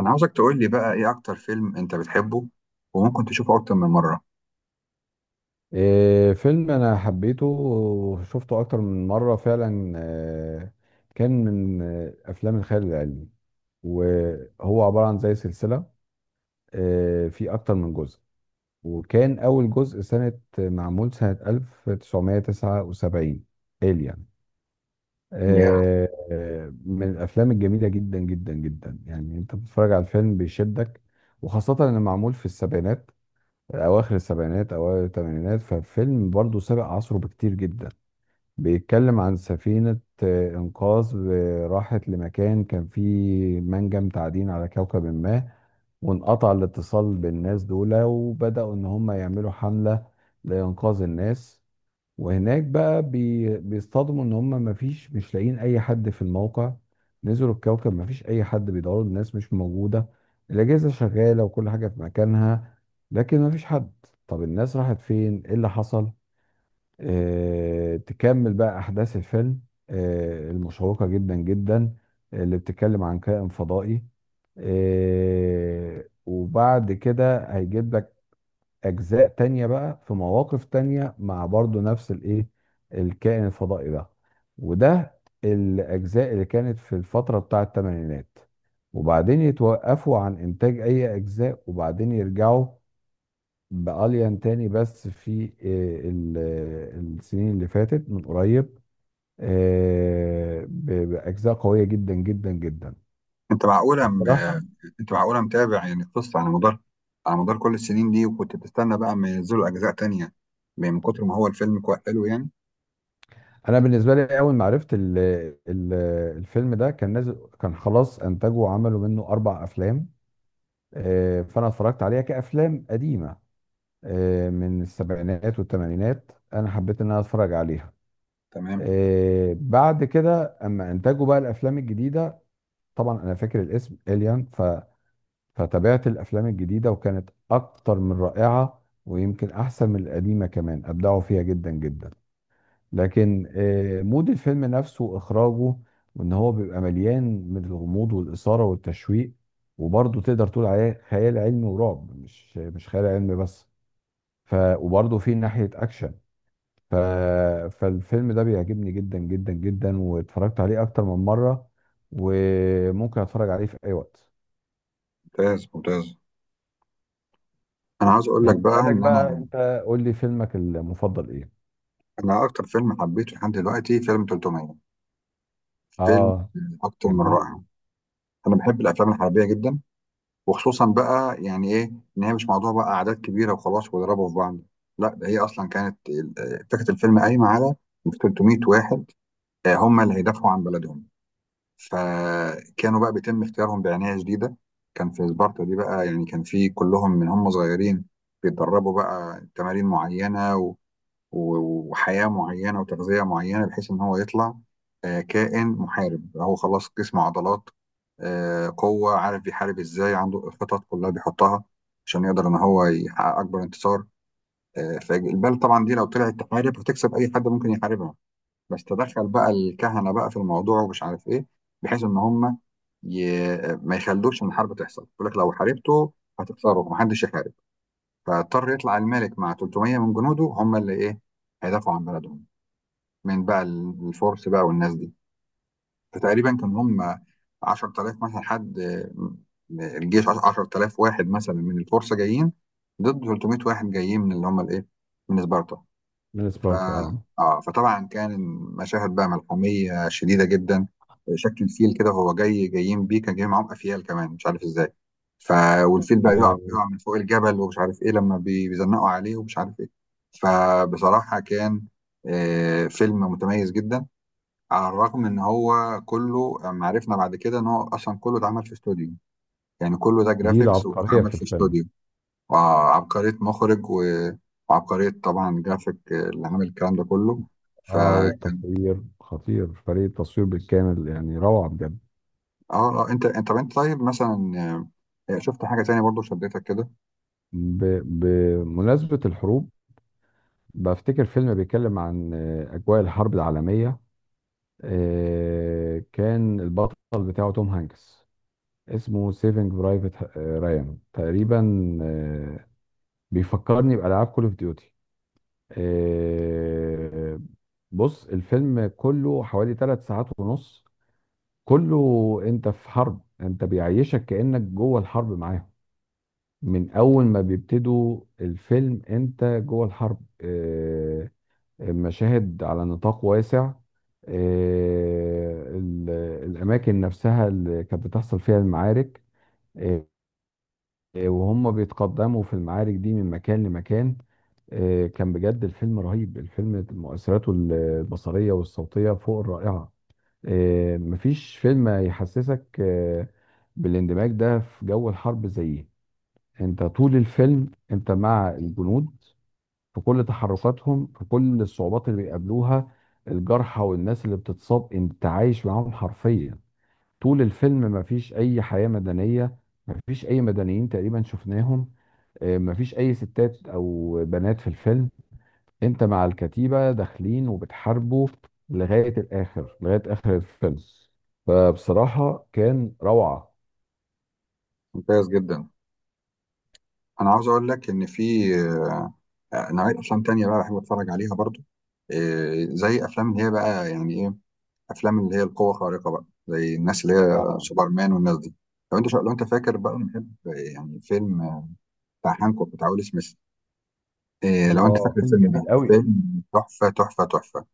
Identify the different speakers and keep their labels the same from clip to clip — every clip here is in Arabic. Speaker 1: انا عاوزك تقول لي بقى ايه اكتر فيلم انت بتحبه وممكن تشوفه اكتر من مره.
Speaker 2: فيلم انا حبيته وشفته اكتر من مره فعلا كان من افلام الخيال العلمي، وهو عباره عن زي سلسله، في اكتر من جزء. وكان اول جزء سنه معمول سنه 1979، الين.
Speaker 1: يا
Speaker 2: من الافلام الجميله جدا جدا جدا، يعني انت بتتفرج على الفيلم بيشدك، وخاصه انه معمول في السبعينات، اواخر السبعينات اوائل الثمانينات. ففيلم برضه سابق عصره بكتير جدا. بيتكلم عن سفينة انقاذ راحت لمكان كان فيه منجم تعدين على كوكب ما، وانقطع الاتصال بالناس دول، وبدأوا ان هم يعملوا حملة لانقاذ الناس. وهناك بقى بيصطدموا ان هم مفيش، مش لاقيين اي حد في الموقع. نزلوا الكوكب مفيش اي حد، بيدوروا الناس مش موجودة، الاجهزة شغالة وكل حاجة في مكانها، لكن مفيش حد. طب الناس راحت فين؟ ايه اللي حصل؟ تكمل بقى احداث الفيلم المشوقة جدا جدا، اللي بتتكلم عن كائن فضائي. وبعد كده هيجيب لك اجزاء تانية بقى في مواقف تانية مع برضو نفس الايه، الكائن الفضائي ده. وده الاجزاء اللي كانت في الفترة بتاع الثمانينات. وبعدين يتوقفوا عن انتاج اي اجزاء، وبعدين يرجعوا بأليان تاني، بس في السنين اللي فاتت من قريب، بأجزاء قوية جدا جدا جدا.
Speaker 1: انت معقوله م...
Speaker 2: بصراحة
Speaker 1: انت معقوله متابع يعني القصه على مدار على مدار كل السنين دي، وكنت بتستنى بقى ما ينزلوا اجزاء تانية من كتر ما هو الفيلم كويس حلو يعني.
Speaker 2: انا بالنسبه لي اول ما عرفت ال الفيلم ده كان نازل، كان خلاص انتجوا وعملوا منه اربع افلام. فانا اتفرجت عليها كافلام قديمه، من السبعينات والثمانينات، انا حبيت ان انا اتفرج عليها.
Speaker 1: تمام.
Speaker 2: بعد كده اما انتجوا بقى الافلام الجديده، طبعا انا فاكر الاسم اليان، فتابعت الافلام الجديده، وكانت اكتر من رائعه، ويمكن احسن من القديمه كمان، ابدعوا فيها جدا جدا. لكن مود الفيلم نفسه، اخراجه، وان هو بيبقى مليان من الغموض والاثاره والتشويق، وبرضه تقدر تقول عليه خيال علمي ورعب، مش خيال علمي بس، وبرضه في ناحيه اكشن. ف فالفيلم ده بيعجبني جدا جدا جدا، واتفرجت عليه اكتر من مره، وممكن اتفرج عليه في اي وقت.
Speaker 1: ممتاز ممتاز. انا عاوز اقول لك بقى
Speaker 2: بالنسبه لك
Speaker 1: ان
Speaker 2: بقى
Speaker 1: انا
Speaker 2: انت قول لي فيلمك المفضل ايه؟
Speaker 1: انا اكتر فيلم حبيته لحد دلوقتي فيلم 300. فيلم
Speaker 2: اه،
Speaker 1: اكتر من رائع.
Speaker 2: جميل.
Speaker 1: انا بحب الافلام الحربيه جدا، وخصوصا بقى يعني ايه، ان هي مش موضوع بقى اعداد كبيره وخلاص ويضربوا في بعض. لا، ده هي اصلا كانت فكره الفيلم قايمه على 300 واحد، هم اللي هيدافعوا عن بلدهم. فكانوا بقى بيتم اختيارهم بعنايه شديده. كان في سبارتا دي بقى، يعني كان في كلهم من هم صغيرين بيتدربوا بقى تمارين معينه، وحياة معينة وتغذية معينة، بحيث إن هو يطلع كائن محارب. هو خلاص جسم، عضلات، قوة، عارف بيحارب إزاي، عنده الخطط كلها بيحطها عشان يقدر إن هو يحقق أكبر انتصار. فالبال طبعا دي لو طلعت تحارب هتكسب أي حد ممكن يحاربها. بس تدخل بقى الكهنة بقى في الموضوع ومش عارف إيه، بحيث إن هم ي... ما يخلوش إن الحرب تحصل. يقول لك لو حاربته هتخسره، ومحدش يحارب. فاضطر يطلع الملك مع 300 من جنوده هم اللي إيه، هيدافعوا عن بلدهم من بقى الفرس بقى والناس دي. فتقريبا كان هم 10000 مثلا حد، الجيش 10000 واحد مثلا من الفرس جايين ضد 300 واحد جايين من اللي هم الايه، من سبارتا.
Speaker 2: من
Speaker 1: ف
Speaker 2: سبارتا، اه.
Speaker 1: اه فطبعا كان مشاهد بقى ملحميه شديده جدا. شكل الفيل كده وهو جاي، جايين بيه، كان جاي معاهم افيال كمان مش عارف ازاي. ف والفيل بقى يقع
Speaker 2: آه،
Speaker 1: يقع من فوق الجبل ومش عارف ايه، لما بيزنقوا عليه ومش عارف ايه. فبصراحه كان فيلم متميز جدا، على الرغم ان هو كله لما عرفنا بعد كده ان هو اصلا كله اتعمل في استوديو. يعني كله ده
Speaker 2: دي
Speaker 1: جرافيكس
Speaker 2: العبقريه
Speaker 1: واتعمل
Speaker 2: في
Speaker 1: في
Speaker 2: الفيلم.
Speaker 1: استوديو. وعبقرية مخرج وعبقرية طبعا جرافيك اللي عامل الكلام ده كله. ف
Speaker 2: اه،
Speaker 1: اه
Speaker 2: والتصوير خطير، فريق التصوير بالكامل يعني روعة بجد.
Speaker 1: آه، انت طيب مثلا، شفت حاجة تانية برضو شدتك كده؟
Speaker 2: ب- بمناسبة الحروب، بفتكر فيلم بيتكلم عن أجواء الحرب العالمية. كان البطل بتاعه توم هانكس، اسمه سيفنج برايفت رايان تقريبا. آه، بيفكرني بألعاب كول اوف ديوتي. بص الفيلم كله حوالي ثلاث ساعات ونص، كله انت في حرب، انت بيعيشك كأنك جوه الحرب معاهم. من اول ما بيبتدوا الفيلم انت جوه الحرب. المشاهد على نطاق واسع، آه، ال- الاماكن نفسها اللي كانت بتحصل فيها المعارك، آه، وهم بيتقدموا في المعارك دي من مكان لمكان. كان بجد الفيلم رهيب، الفيلم مؤثراته البصرية والصوتية فوق الرائعة. مفيش فيلم يحسسك بالاندماج ده في جو الحرب زيه. انت طول الفيلم انت مع الجنود، في كل تحركاتهم، في كل الصعوبات اللي بيقابلوها، الجرحى والناس اللي بتتصاب، انت عايش معاهم حرفيا. طول الفيلم مفيش اي حياة مدنية، مفيش اي مدنيين تقريبا شفناهم. اه، مفيش اي ستات او بنات في الفيلم، انت مع الكتيبة داخلين وبتحاربوا لغاية الاخر، لغاية اخر الفيلم. فبصراحة كان روعة.
Speaker 1: ممتاز جدا. انا عاوز اقول لك ان في آه، آه، نوعية افلام تانية بقى بحب اتفرج عليها برضو، زي افلام اللي هي بقى يعني ايه، افلام اللي هي القوه الخارقه بقى، زي الناس اللي هي
Speaker 2: اه،
Speaker 1: سوبرمان والناس دي. لو انت فاكر بقى، بنحب يعني فيلم بتاع هانكوك بتاع ويل سميث، إيه لو انت
Speaker 2: الله،
Speaker 1: فاكر
Speaker 2: فيلم
Speaker 1: الفيلم
Speaker 2: جميل
Speaker 1: ده؟
Speaker 2: قوي.
Speaker 1: فيلم تحفه تحفه تحفه.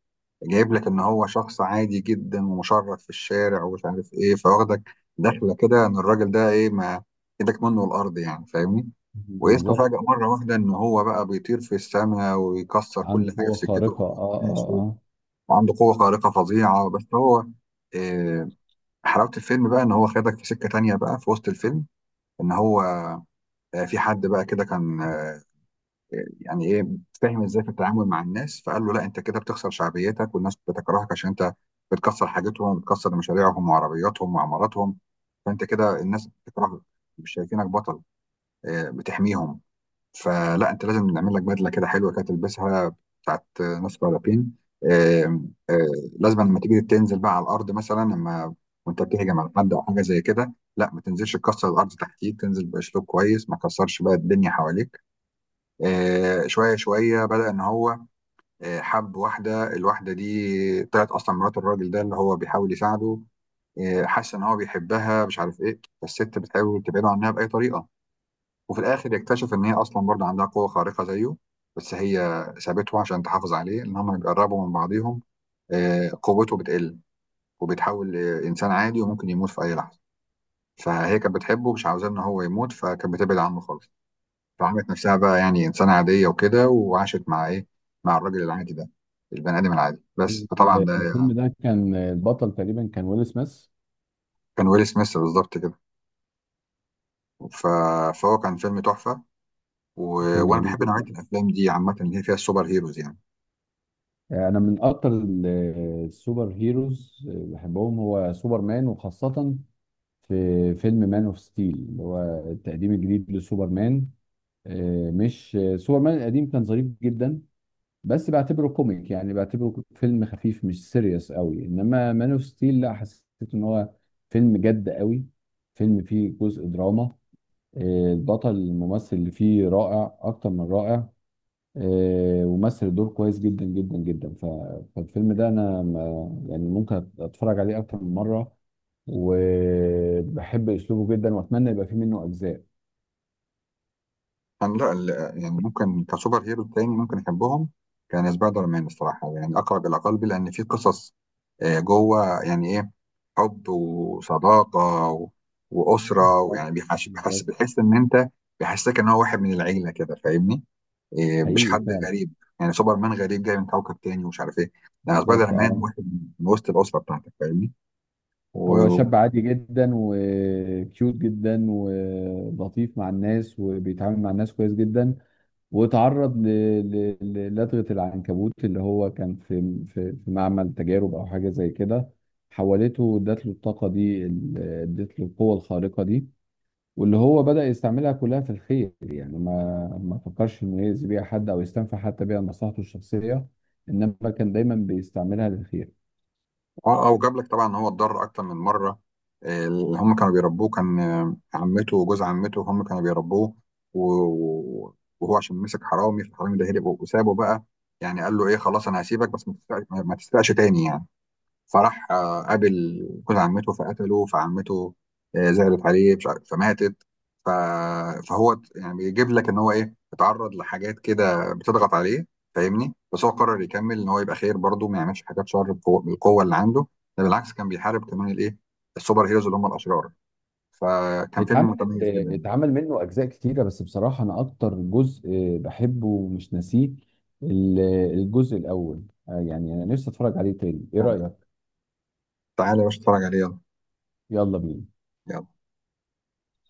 Speaker 1: جايب لك ان هو شخص عادي جدا ومشرد في الشارع ومش عارف ايه، فواخدك دخله كده ان الراجل ده ايه، ما ايدك منه الارض يعني، فاهمني؟ واسمه
Speaker 2: بالظبط،
Speaker 1: فجأة مرة واحدة إن هو بقى بيطير في السماء ويكسر كل
Speaker 2: عنده
Speaker 1: حاجة
Speaker 2: قوة
Speaker 1: في سكته
Speaker 2: خارقة،
Speaker 1: وهو
Speaker 2: اه
Speaker 1: ماشي،
Speaker 2: اه اه
Speaker 1: وعنده قوة خارقة فظيعة. بس هو إيه، حلاوة الفيلم بقى إن هو خدك في سكة تانية بقى في وسط الفيلم، إن هو في حد بقى كده كان آه، يعني إيه فاهم إزاي في التعامل مع الناس، فقال له لا أنت كده بتخسر شعبيتك والناس بتكرهك عشان أنت بتكسر حاجتهم وبتكسر مشاريعهم وعربياتهم وعماراتهم، فأنت كده الناس بتكرهك، مش شايفينك بطل بتحميهم. فلا، انت لازم نعمل لك بدله كده حلوه كده تلبسها، بتاعت ناس مدربين. آم، آه، لازم لما تيجي تنزل بقى على الارض مثلا، لما وانت بتهجم على حد او حاجه زي كده، لا ما تنزلش تكسر الارض تحتيك، تنزل باسلوب كويس، ما تكسرش بقى الدنيا حواليك. شويه شويه بدا ان هو حب واحده. الواحده دي طلعت اصلا مرات الراجل ده اللي هو بيحاول يساعده. حس ان هو بيحبها مش عارف ايه، فالست بتحاول تبعده عنها باي طريقه. وفي الاخر يكتشف ان هي اصلا برضه عندها قوه خارقه زيه، بس هي سابته عشان تحافظ عليه. ان هم بيقربوا من بعضهم قوته بتقل وبيتحول لانسان عادي وممكن يموت في اي لحظه. فهي كانت بتحبه مش عاوزاه ان هو يموت، فكانت بتبعد عنه خالص. فعملت نفسها بقى يعني انسانه عاديه وكده، وعاشت مع ايه، مع الراجل العادي ده، البني ادم العادي بس. فطبعا ده
Speaker 2: الفيلم ده كان البطل تقريبا كان ويل سميث.
Speaker 1: كان ويل سميث بالظبط كده. ف... فهو كان فيلم تحفه. و...
Speaker 2: فيلم
Speaker 1: وانا
Speaker 2: جميل
Speaker 1: بحب نوعيه
Speaker 2: جدا.
Speaker 1: الافلام دي عامه اللي هي فيها السوبر هيروز يعني.
Speaker 2: يعني انا من اكتر السوبر هيروز اللي بحبهم هو سوبر مان، وخاصة في فيلم مان اوف ستيل، اللي هو التقديم الجديد لسوبر مان. مش سوبر مان القديم كان ظريف جدا، بس بعتبره كوميك، يعني بعتبره فيلم خفيف مش سيريس قوي. انما مان اوف ستيل لا، حسيت ان هو فيلم جد قوي، فيلم فيه جزء دراما. البطل، الممثل اللي فيه، رائع اكتر من رائع. ومثل الدور كويس جدا جدا جدا. فالفيلم ده انا يعني ممكن اتفرج عليه اكتر من مره، وبحب اسلوبه جدا، واتمنى يبقى فيه منه اجزاء.
Speaker 1: كان لا يعني ممكن كسوبر هيرو تاني ممكن احبهم، كان سبايدر مان الصراحه، يعني اقرب الى قلبي، لان في قصص جوه يعني ايه، حب وصداقه واسره،
Speaker 2: بالظبط.
Speaker 1: ويعني بيحس بيحس
Speaker 2: بالظبط.
Speaker 1: بيحس ان انت، بيحسسك ان هو واحد من العيله كده، فاهمني؟ إيه، مش
Speaker 2: حقيقي
Speaker 1: حد
Speaker 2: فعلا.
Speaker 1: غريب. يعني سوبر مان غريب جاي من كوكب تاني ومش عارف ايه، لان سبايدر
Speaker 2: بالظبط،
Speaker 1: مان
Speaker 2: اه.
Speaker 1: واحد من وسط الاسره بتاعتك،
Speaker 2: هو
Speaker 1: فاهمني؟
Speaker 2: شاب عادي جدا، وكيوت جدا، ولطيف مع الناس، وبيتعامل مع الناس كويس جدا. واتعرض لدغة العنكبوت، اللي هو كان في في معمل تجارب أو حاجة زي كده، حولته، ادت له الطاقة دي، ادت له القوة الخارقة دي، واللي هو بدأ يستعملها كلها في الخير. يعني ما فكرش إنه يأذي بيها حد، أو يستنفع حتى بيها مصلحته الشخصية، إنما كان دايما بيستعملها للخير.
Speaker 1: اه اه. وجاب لك طبعا ان هو اتضرر اكتر من مره. اللي هم كانوا بيربوه كان عمته وجوز عمته، هم كانوا بيربوه. وهو عشان مسك حرامي، فالحرامي ده هرب وسابه بقى، يعني قال له ايه خلاص انا هسيبك بس ما تسرقش تاني يعني. فراح قابل جوز عمته فقتله، فعمته زعلت عليه، مش عارف- فماتت. ف... فهو يعني بيجيب لك ان هو ايه، اتعرض لحاجات كده بتضغط عليه، فاهمني؟ بس هو قرر يكمل ان هو يبقى خير برضه، ما يعملش حاجات شر بالقوه اللي عنده. ده بالعكس كان بيحارب كمان الايه، السوبر هيروز اللي هم الاشرار. فكان فيلم متميز جدا.
Speaker 2: اتعمل منه اجزاء كتيره، بس بصراحه انا اكتر جزء بحبه ومش ناسيه ال- الجزء الاول. يعني انا نفسي اتفرج عليه تاني، ايه رايك؟
Speaker 1: تعالى يا باشا اتفرج عليه، يلا.
Speaker 2: يلا بينا.
Speaker 1: يلا.